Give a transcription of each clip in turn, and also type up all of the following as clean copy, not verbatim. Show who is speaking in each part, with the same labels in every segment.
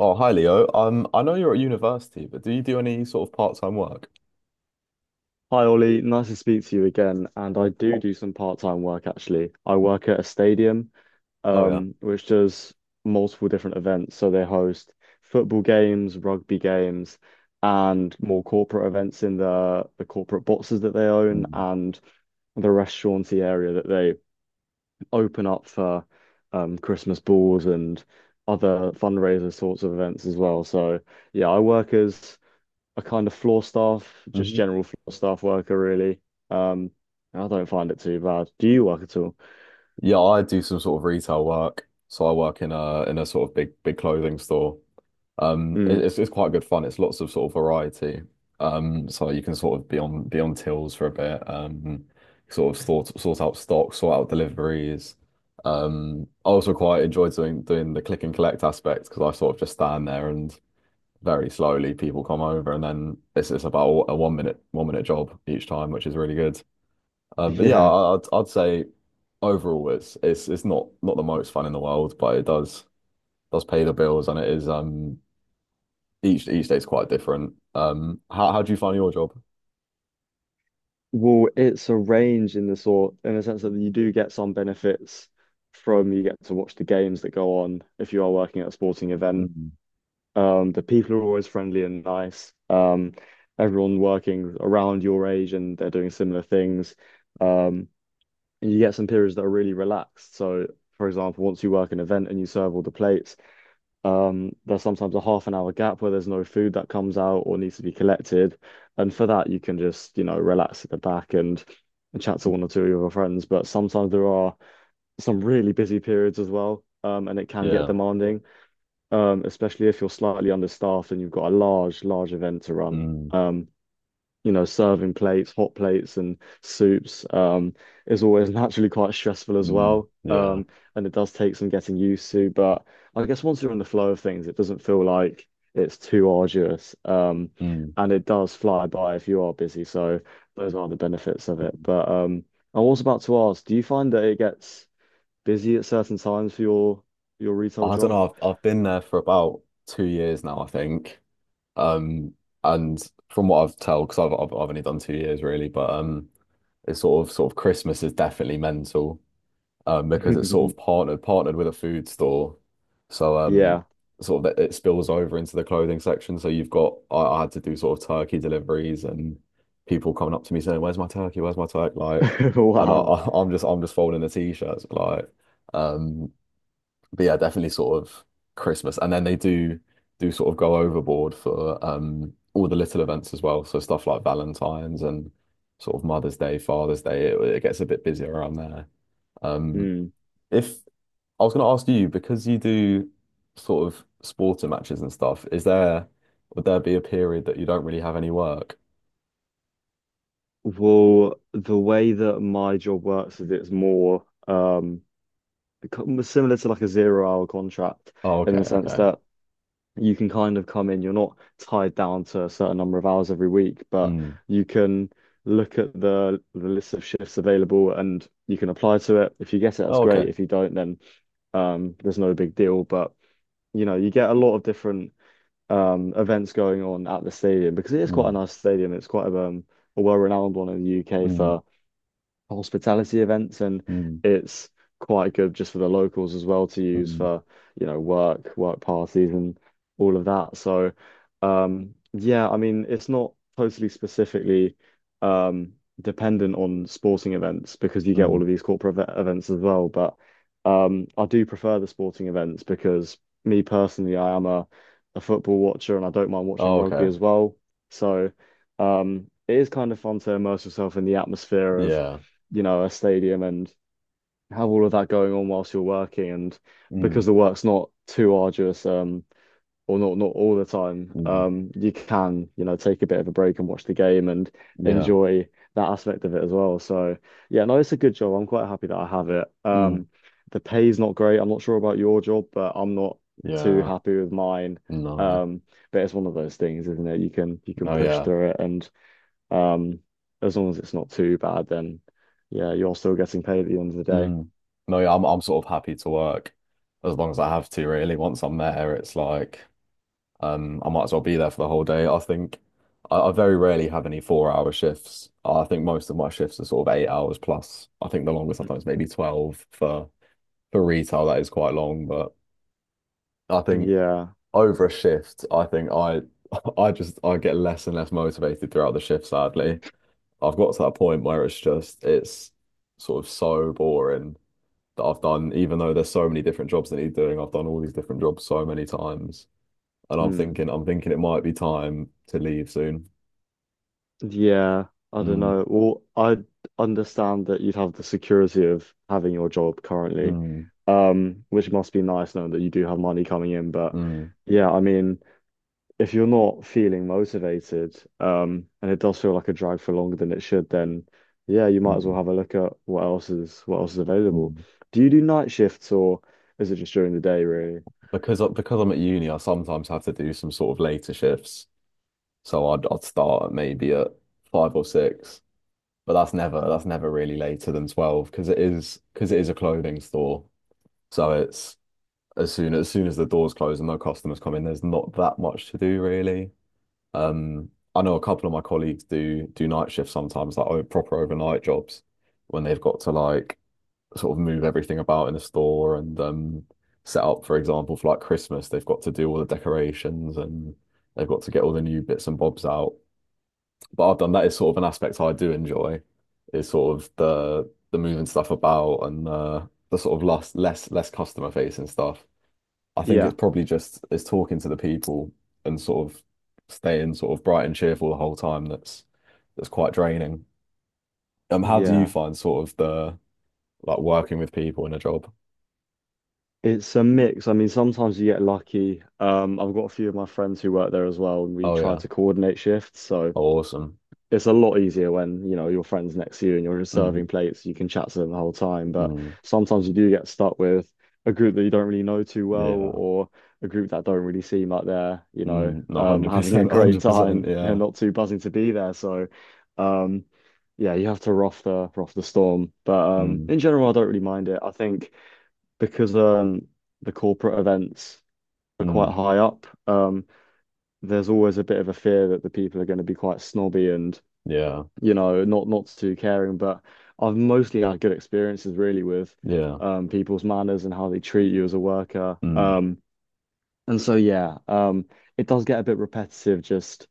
Speaker 1: Oh, hi Leo. I know you're at university, but do you do any sort of part-time work?
Speaker 2: Hi Ollie, nice to speak to you again. And I do do some part-time work actually. I work at a stadium,
Speaker 1: Oh yeah.
Speaker 2: which does multiple different events. So they host football games, rugby games, and more corporate events in the corporate boxes that they own,
Speaker 1: Mm.
Speaker 2: and the restauranty area that they open up for Christmas balls and other fundraiser sorts of events as well. So yeah, I work as a kind of floor staff, just
Speaker 1: Mhm.
Speaker 2: general floor staff worker, really. Um, I don't find it too bad. Do you work at all?
Speaker 1: Yeah, I do some sort of retail work. So I work in a sort of big clothing store. It-
Speaker 2: Mm.
Speaker 1: it's it's quite good fun. It's lots of sort of variety. So you can sort of be on tills for a bit. Sort of sort out stock, sort out deliveries. I also quite enjoy doing the click and collect aspect because I sort of just stand there and very slowly people come over and then it's about a 1 minute job each time, which is really good. But yeah,
Speaker 2: Yeah.
Speaker 1: I'd say overall it's not the most fun in the world, but it does pay the bills, and it is each day's quite different. How do you find your job?
Speaker 2: Well, it's a range in the sort, in the sense that you do get some benefits from you get to watch the games that go on if you are working at a sporting event.
Speaker 1: Mm,
Speaker 2: The people are always friendly and nice. Everyone working around your age and they're doing similar things. Um, and you get some periods that are really relaxed. So, for example, once you work an event and you serve all the plates, there's sometimes a half an hour gap where there's no food that comes out or needs to be collected. And for that, you can just, you know, relax at the back and, chat to one or two of your friends. But sometimes there are some really busy periods as well. And it can get
Speaker 1: yeah.
Speaker 2: demanding, especially if you're slightly understaffed and you've got a large, large event to run.
Speaker 1: Mm,
Speaker 2: Um, you know, serving plates, hot plates, and soups is always naturally quite stressful as
Speaker 1: mm,
Speaker 2: well.
Speaker 1: yeah.
Speaker 2: And it does take some getting used to, but I guess once you're in the flow of things, it doesn't feel like it's too arduous.
Speaker 1: Mm.
Speaker 2: And it does fly by if you are busy. So those are the benefits of it.
Speaker 1: Mm.
Speaker 2: But I was about to ask, do you find that it gets busy at certain times for your retail
Speaker 1: I don't
Speaker 2: job?
Speaker 1: know, I've been there for about 2 years now, I think. um and from what I've tell, because I've only done 2 years really, but it's sort of Christmas is definitely mental, because it's sort of partnered with a food store, so
Speaker 2: Yeah.
Speaker 1: sort of that it spills over into the clothing section. So you've got I had to do sort of turkey deliveries and people coming up to me saying, "Where's my turkey? Where's my turkey?" Like, and I,
Speaker 2: Wow.
Speaker 1: I I'm just folding the t-shirts like. Um, but yeah, definitely sort of Christmas. And then they do do sort of go overboard for all the little events as well. So stuff like Valentine's and sort of Mother's Day, Father's Day, it gets a bit busier around there. Um,
Speaker 2: Hmm.
Speaker 1: if I was going to ask you, because you do sort of sporting matches and stuff, is there would there be a period that you don't really have any work?
Speaker 2: Well, the way that my job works is it's more become similar to like a zero hour contract
Speaker 1: Oh, okay,
Speaker 2: in the sense
Speaker 1: okay.
Speaker 2: that you can kind of come in, you're not tied down to a certain number of hours every week, but
Speaker 1: Mm.
Speaker 2: you can look at the list of shifts available and you can apply to it. If you get it, that's
Speaker 1: Oh,
Speaker 2: great.
Speaker 1: okay.
Speaker 2: If you don't, then there's no big deal. But you know, you get a lot of different events going on at the stadium because it is quite a
Speaker 1: Mm,
Speaker 2: nice stadium. It's quite a well-renowned one in the UK
Speaker 1: mm,
Speaker 2: for hospitality events, and
Speaker 1: mm,
Speaker 2: it's quite good just for the locals as well to use
Speaker 1: mm,
Speaker 2: for you know work parties and all of that. So yeah, I mean, it's not totally specifically um dependent on sporting events because you get all
Speaker 1: mm.
Speaker 2: of these corporate events as well. But I do prefer the sporting events because me personally I am a football watcher, and I don't mind watching
Speaker 1: Oh,
Speaker 2: rugby
Speaker 1: okay.
Speaker 2: as well. So it is kind of fun to immerse yourself in the atmosphere of
Speaker 1: Yeah.
Speaker 2: you know, a stadium, and have all of that going on whilst you're working. And
Speaker 1: Mm,
Speaker 2: because the work's not too arduous, or not all the time,
Speaker 1: mm,
Speaker 2: you can, you know, take a bit of a break and watch the game and
Speaker 1: yeah.
Speaker 2: enjoy that aspect of it as well. So yeah, no, it's a good job. I'm quite happy that I have it.
Speaker 1: Mm,
Speaker 2: The pay's not great. I'm not sure about your job, but I'm not too
Speaker 1: yeah.
Speaker 2: happy with mine.
Speaker 1: No.
Speaker 2: Um, but it's one of those things, isn't it? You can
Speaker 1: No,
Speaker 2: push
Speaker 1: yeah.
Speaker 2: through it, and um, as long as it's not too bad, then yeah, you're still getting paid at the end of the day.
Speaker 1: Mm. No, yeah, I'm sort of happy to work as long as I have to, really. Once I'm there, it's like I might as well be there for the whole day. I very rarely have any 4 hour shifts. I think most of my shifts are sort of 8 hours plus. I think the longest I've done is maybe 12 for retail. That is quite long, but I think
Speaker 2: Yeah.
Speaker 1: over a shift, I think I I get less and less motivated throughout the shift, sadly. I've got to that point where it's just it's sort of so boring that I've done, even though there's so many different jobs that need doing, I've done all these different jobs so many times. And
Speaker 2: Hmm.
Speaker 1: I'm thinking it might be time to leave soon.
Speaker 2: Yeah. I don't
Speaker 1: Mm,
Speaker 2: know. Well, I understand that you'd have the security of having your job currently,
Speaker 1: mm,
Speaker 2: which must be nice knowing that you do have money coming in. But
Speaker 1: mm,
Speaker 2: yeah, I mean, if you're not feeling motivated, and it does feel like a drag for longer than it should, then yeah, you might as well
Speaker 1: mm,
Speaker 2: have a look at what else is available.
Speaker 1: mm.
Speaker 2: Do you do night shifts or is it just during the day, really?
Speaker 1: Because because I'm at uni, I sometimes have to do some sort of later shifts. So I'd start at maybe at five or six, but that's never really later than 12, because it is a clothing store. So it's as soon as the doors close and no customers come in, there's not that much to do really. Um, I know a couple of my colleagues do do night shifts sometimes, like proper overnight jobs when they've got to like sort of move everything about in the store, and set up, for example, for like Christmas, they've got to do all the decorations, and they've got to get all the new bits and bobs out. But I've done that is sort of an aspect I do enjoy, is sort of the moving stuff about, and the sort of less customer facing stuff. I think it's
Speaker 2: Yeah,
Speaker 1: probably just it's talking to the people and sort of staying sort of bright and cheerful the whole time, that's quite draining. How do you
Speaker 2: yeah.
Speaker 1: find sort of the like working with people in a job?
Speaker 2: It's a mix. I mean, sometimes you get lucky. I've got a few of my friends who work there as well, and we
Speaker 1: Oh
Speaker 2: try
Speaker 1: yeah.
Speaker 2: to coordinate shifts. So
Speaker 1: Oh, awesome.
Speaker 2: it's a lot easier when, you know, your friend's next to you and you're just serving
Speaker 1: Mm,
Speaker 2: plates. You can chat to them the whole time. But
Speaker 1: mm,
Speaker 2: sometimes you do get stuck with a group that you don't really know too well,
Speaker 1: yeah.
Speaker 2: or a group that don't really seem like they're, you know,
Speaker 1: Mm, no,
Speaker 2: having a
Speaker 1: 100%,
Speaker 2: great
Speaker 1: 100%,
Speaker 2: time. They're
Speaker 1: yeah.
Speaker 2: not too buzzing to be there. So, um, yeah, you have to rough the storm. But
Speaker 1: Mm,
Speaker 2: in general, I don't really mind it, I think. Because the corporate events are quite
Speaker 1: mm,
Speaker 2: high up, there's always a bit of a fear that the people are going to be quite snobby and,
Speaker 1: yeah.
Speaker 2: you know, not too caring. But I've mostly had good experiences really with
Speaker 1: Yeah.
Speaker 2: people's manners and how they treat you as a worker.
Speaker 1: Mm,
Speaker 2: And so yeah, it does get a bit repetitive just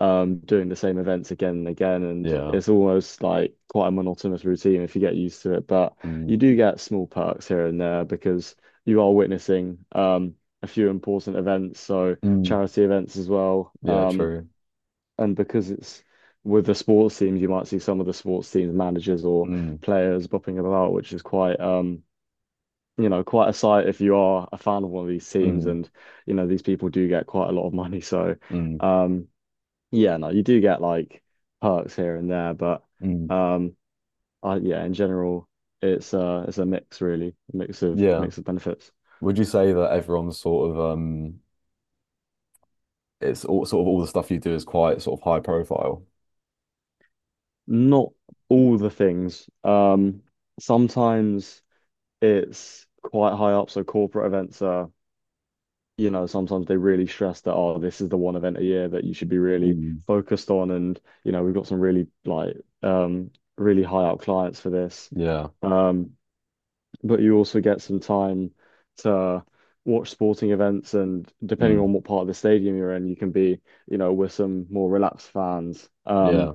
Speaker 2: doing the same events again and again. And
Speaker 1: yeah.
Speaker 2: it's almost like quite a monotonous routine if you get used to it. But you
Speaker 1: Mm,
Speaker 2: do get small perks here and there because you are witnessing a few important events, so
Speaker 1: mm,
Speaker 2: charity events as well.
Speaker 1: yeah, true.
Speaker 2: And because it's with the sports teams, you might see some of the sports teams managers or
Speaker 1: Mm,
Speaker 2: players bopping about, which is quite you know, quite a sight if you are a fan of one of these teams,
Speaker 1: mm,
Speaker 2: and you know these people do get quite a lot of money. So
Speaker 1: mm,
Speaker 2: um yeah, no, you do get like perks here and there, but
Speaker 1: mm,
Speaker 2: um, yeah, in general, it's a mix really, a mix of
Speaker 1: yeah.
Speaker 2: mix of benefits.
Speaker 1: Would you say that everyone's sort of it's all sort of all the stuff you do is quite sort of high profile.
Speaker 2: Not all the things. Sometimes it's quite high up, so corporate events are, you know, sometimes they really stress that, oh, this is the one event a year that you should be really
Speaker 1: Mm,
Speaker 2: focused on, and you know, we've got some really like um really high up clients for this.
Speaker 1: yeah.
Speaker 2: Um, but you also get some time to watch sporting events, and depending
Speaker 1: Mm,
Speaker 2: on what part of the stadium you're in you can be you know with some more relaxed fans
Speaker 1: yeah.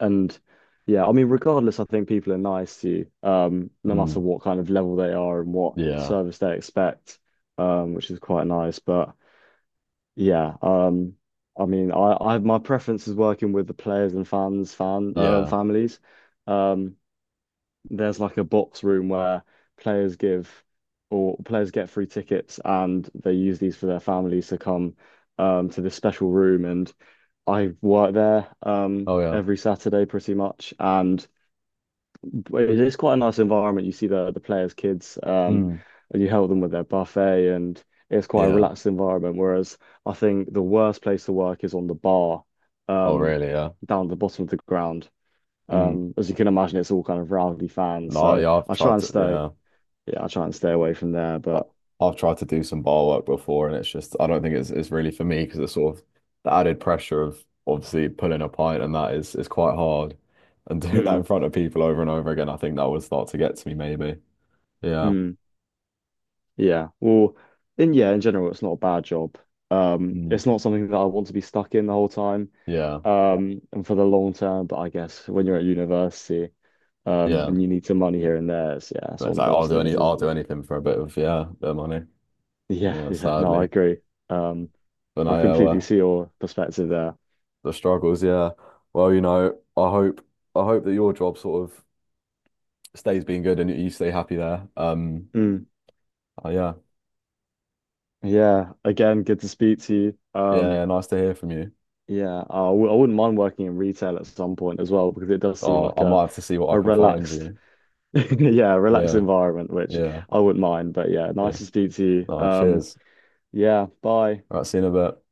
Speaker 2: and yeah I mean regardless I think people are nice to you no matter
Speaker 1: Mm,
Speaker 2: what kind of level they are and what
Speaker 1: yeah.
Speaker 2: service they expect, which is quite nice. But yeah, I mean I my preference is working with the players and fans fan
Speaker 1: Yeah.
Speaker 2: families. um there's like a box room where players give or players get free tickets, and they use these for their families to come to this special room. And I work there
Speaker 1: Oh yeah.
Speaker 2: every Saturday pretty much, and it is quite a nice environment. You see the players' kids,
Speaker 1: Mm,
Speaker 2: and you help them with their buffet, and it's quite a
Speaker 1: yeah.
Speaker 2: relaxed environment. Whereas I think the worst place to work is on the bar,
Speaker 1: Oh
Speaker 2: um
Speaker 1: really? Yeah.
Speaker 2: down at the bottom of the ground.
Speaker 1: Mm.
Speaker 2: As you can imagine, it's all kind of rowdy fans.
Speaker 1: No,
Speaker 2: So
Speaker 1: yeah, I've
Speaker 2: I try
Speaker 1: tried
Speaker 2: and
Speaker 1: to,
Speaker 2: stay,
Speaker 1: yeah,
Speaker 2: yeah, I try and stay away from there.
Speaker 1: I-
Speaker 2: But
Speaker 1: I've tried to do some bar work before, and it's just I don't think it's really for me, because it's sort of the added pressure of obviously pulling a pint and that is quite hard, and doing that
Speaker 2: mm,
Speaker 1: in front of people over and over again, I think that would start to get to me maybe. Yeah,
Speaker 2: mm, yeah, well, in yeah, in general, it's not a bad job.
Speaker 1: mm,
Speaker 2: It's not something that I want to be stuck in the whole time,
Speaker 1: yeah.
Speaker 2: and for the long term. But I guess when you're at university,
Speaker 1: Yeah.
Speaker 2: and you need some money here and there, it's, yeah, it's
Speaker 1: But it's
Speaker 2: one of
Speaker 1: like I'll
Speaker 2: those
Speaker 1: do any
Speaker 2: things,
Speaker 1: I'll
Speaker 2: isn't
Speaker 1: do
Speaker 2: it?
Speaker 1: anything for a bit of yeah, bit of money.
Speaker 2: Yeah,
Speaker 1: Yeah,
Speaker 2: yeah, no, I
Speaker 1: sadly.
Speaker 2: agree. Um,
Speaker 1: But
Speaker 2: I
Speaker 1: no, yeah,
Speaker 2: completely
Speaker 1: well,
Speaker 2: see your perspective there.
Speaker 1: the struggles, yeah. Well, you know, I hope I hope that your job sort of stays being good and you stay happy there.
Speaker 2: Mm,
Speaker 1: Yeah.
Speaker 2: yeah, again, good to speak to you.
Speaker 1: Yeah, yeah, nice to hear from you.
Speaker 2: Yeah, I wouldn't mind working in retail at some point as well, because it does seem
Speaker 1: Oh,
Speaker 2: like
Speaker 1: I might have to see what
Speaker 2: a
Speaker 1: I can find
Speaker 2: relaxed,
Speaker 1: you.
Speaker 2: yeah, relaxed
Speaker 1: Yeah,
Speaker 2: environment, which
Speaker 1: yeah,
Speaker 2: I wouldn't mind. But yeah,
Speaker 1: yeah.
Speaker 2: nice to speak to you.
Speaker 1: No, cheers.
Speaker 2: Yeah, bye.
Speaker 1: All right, see you in a bit.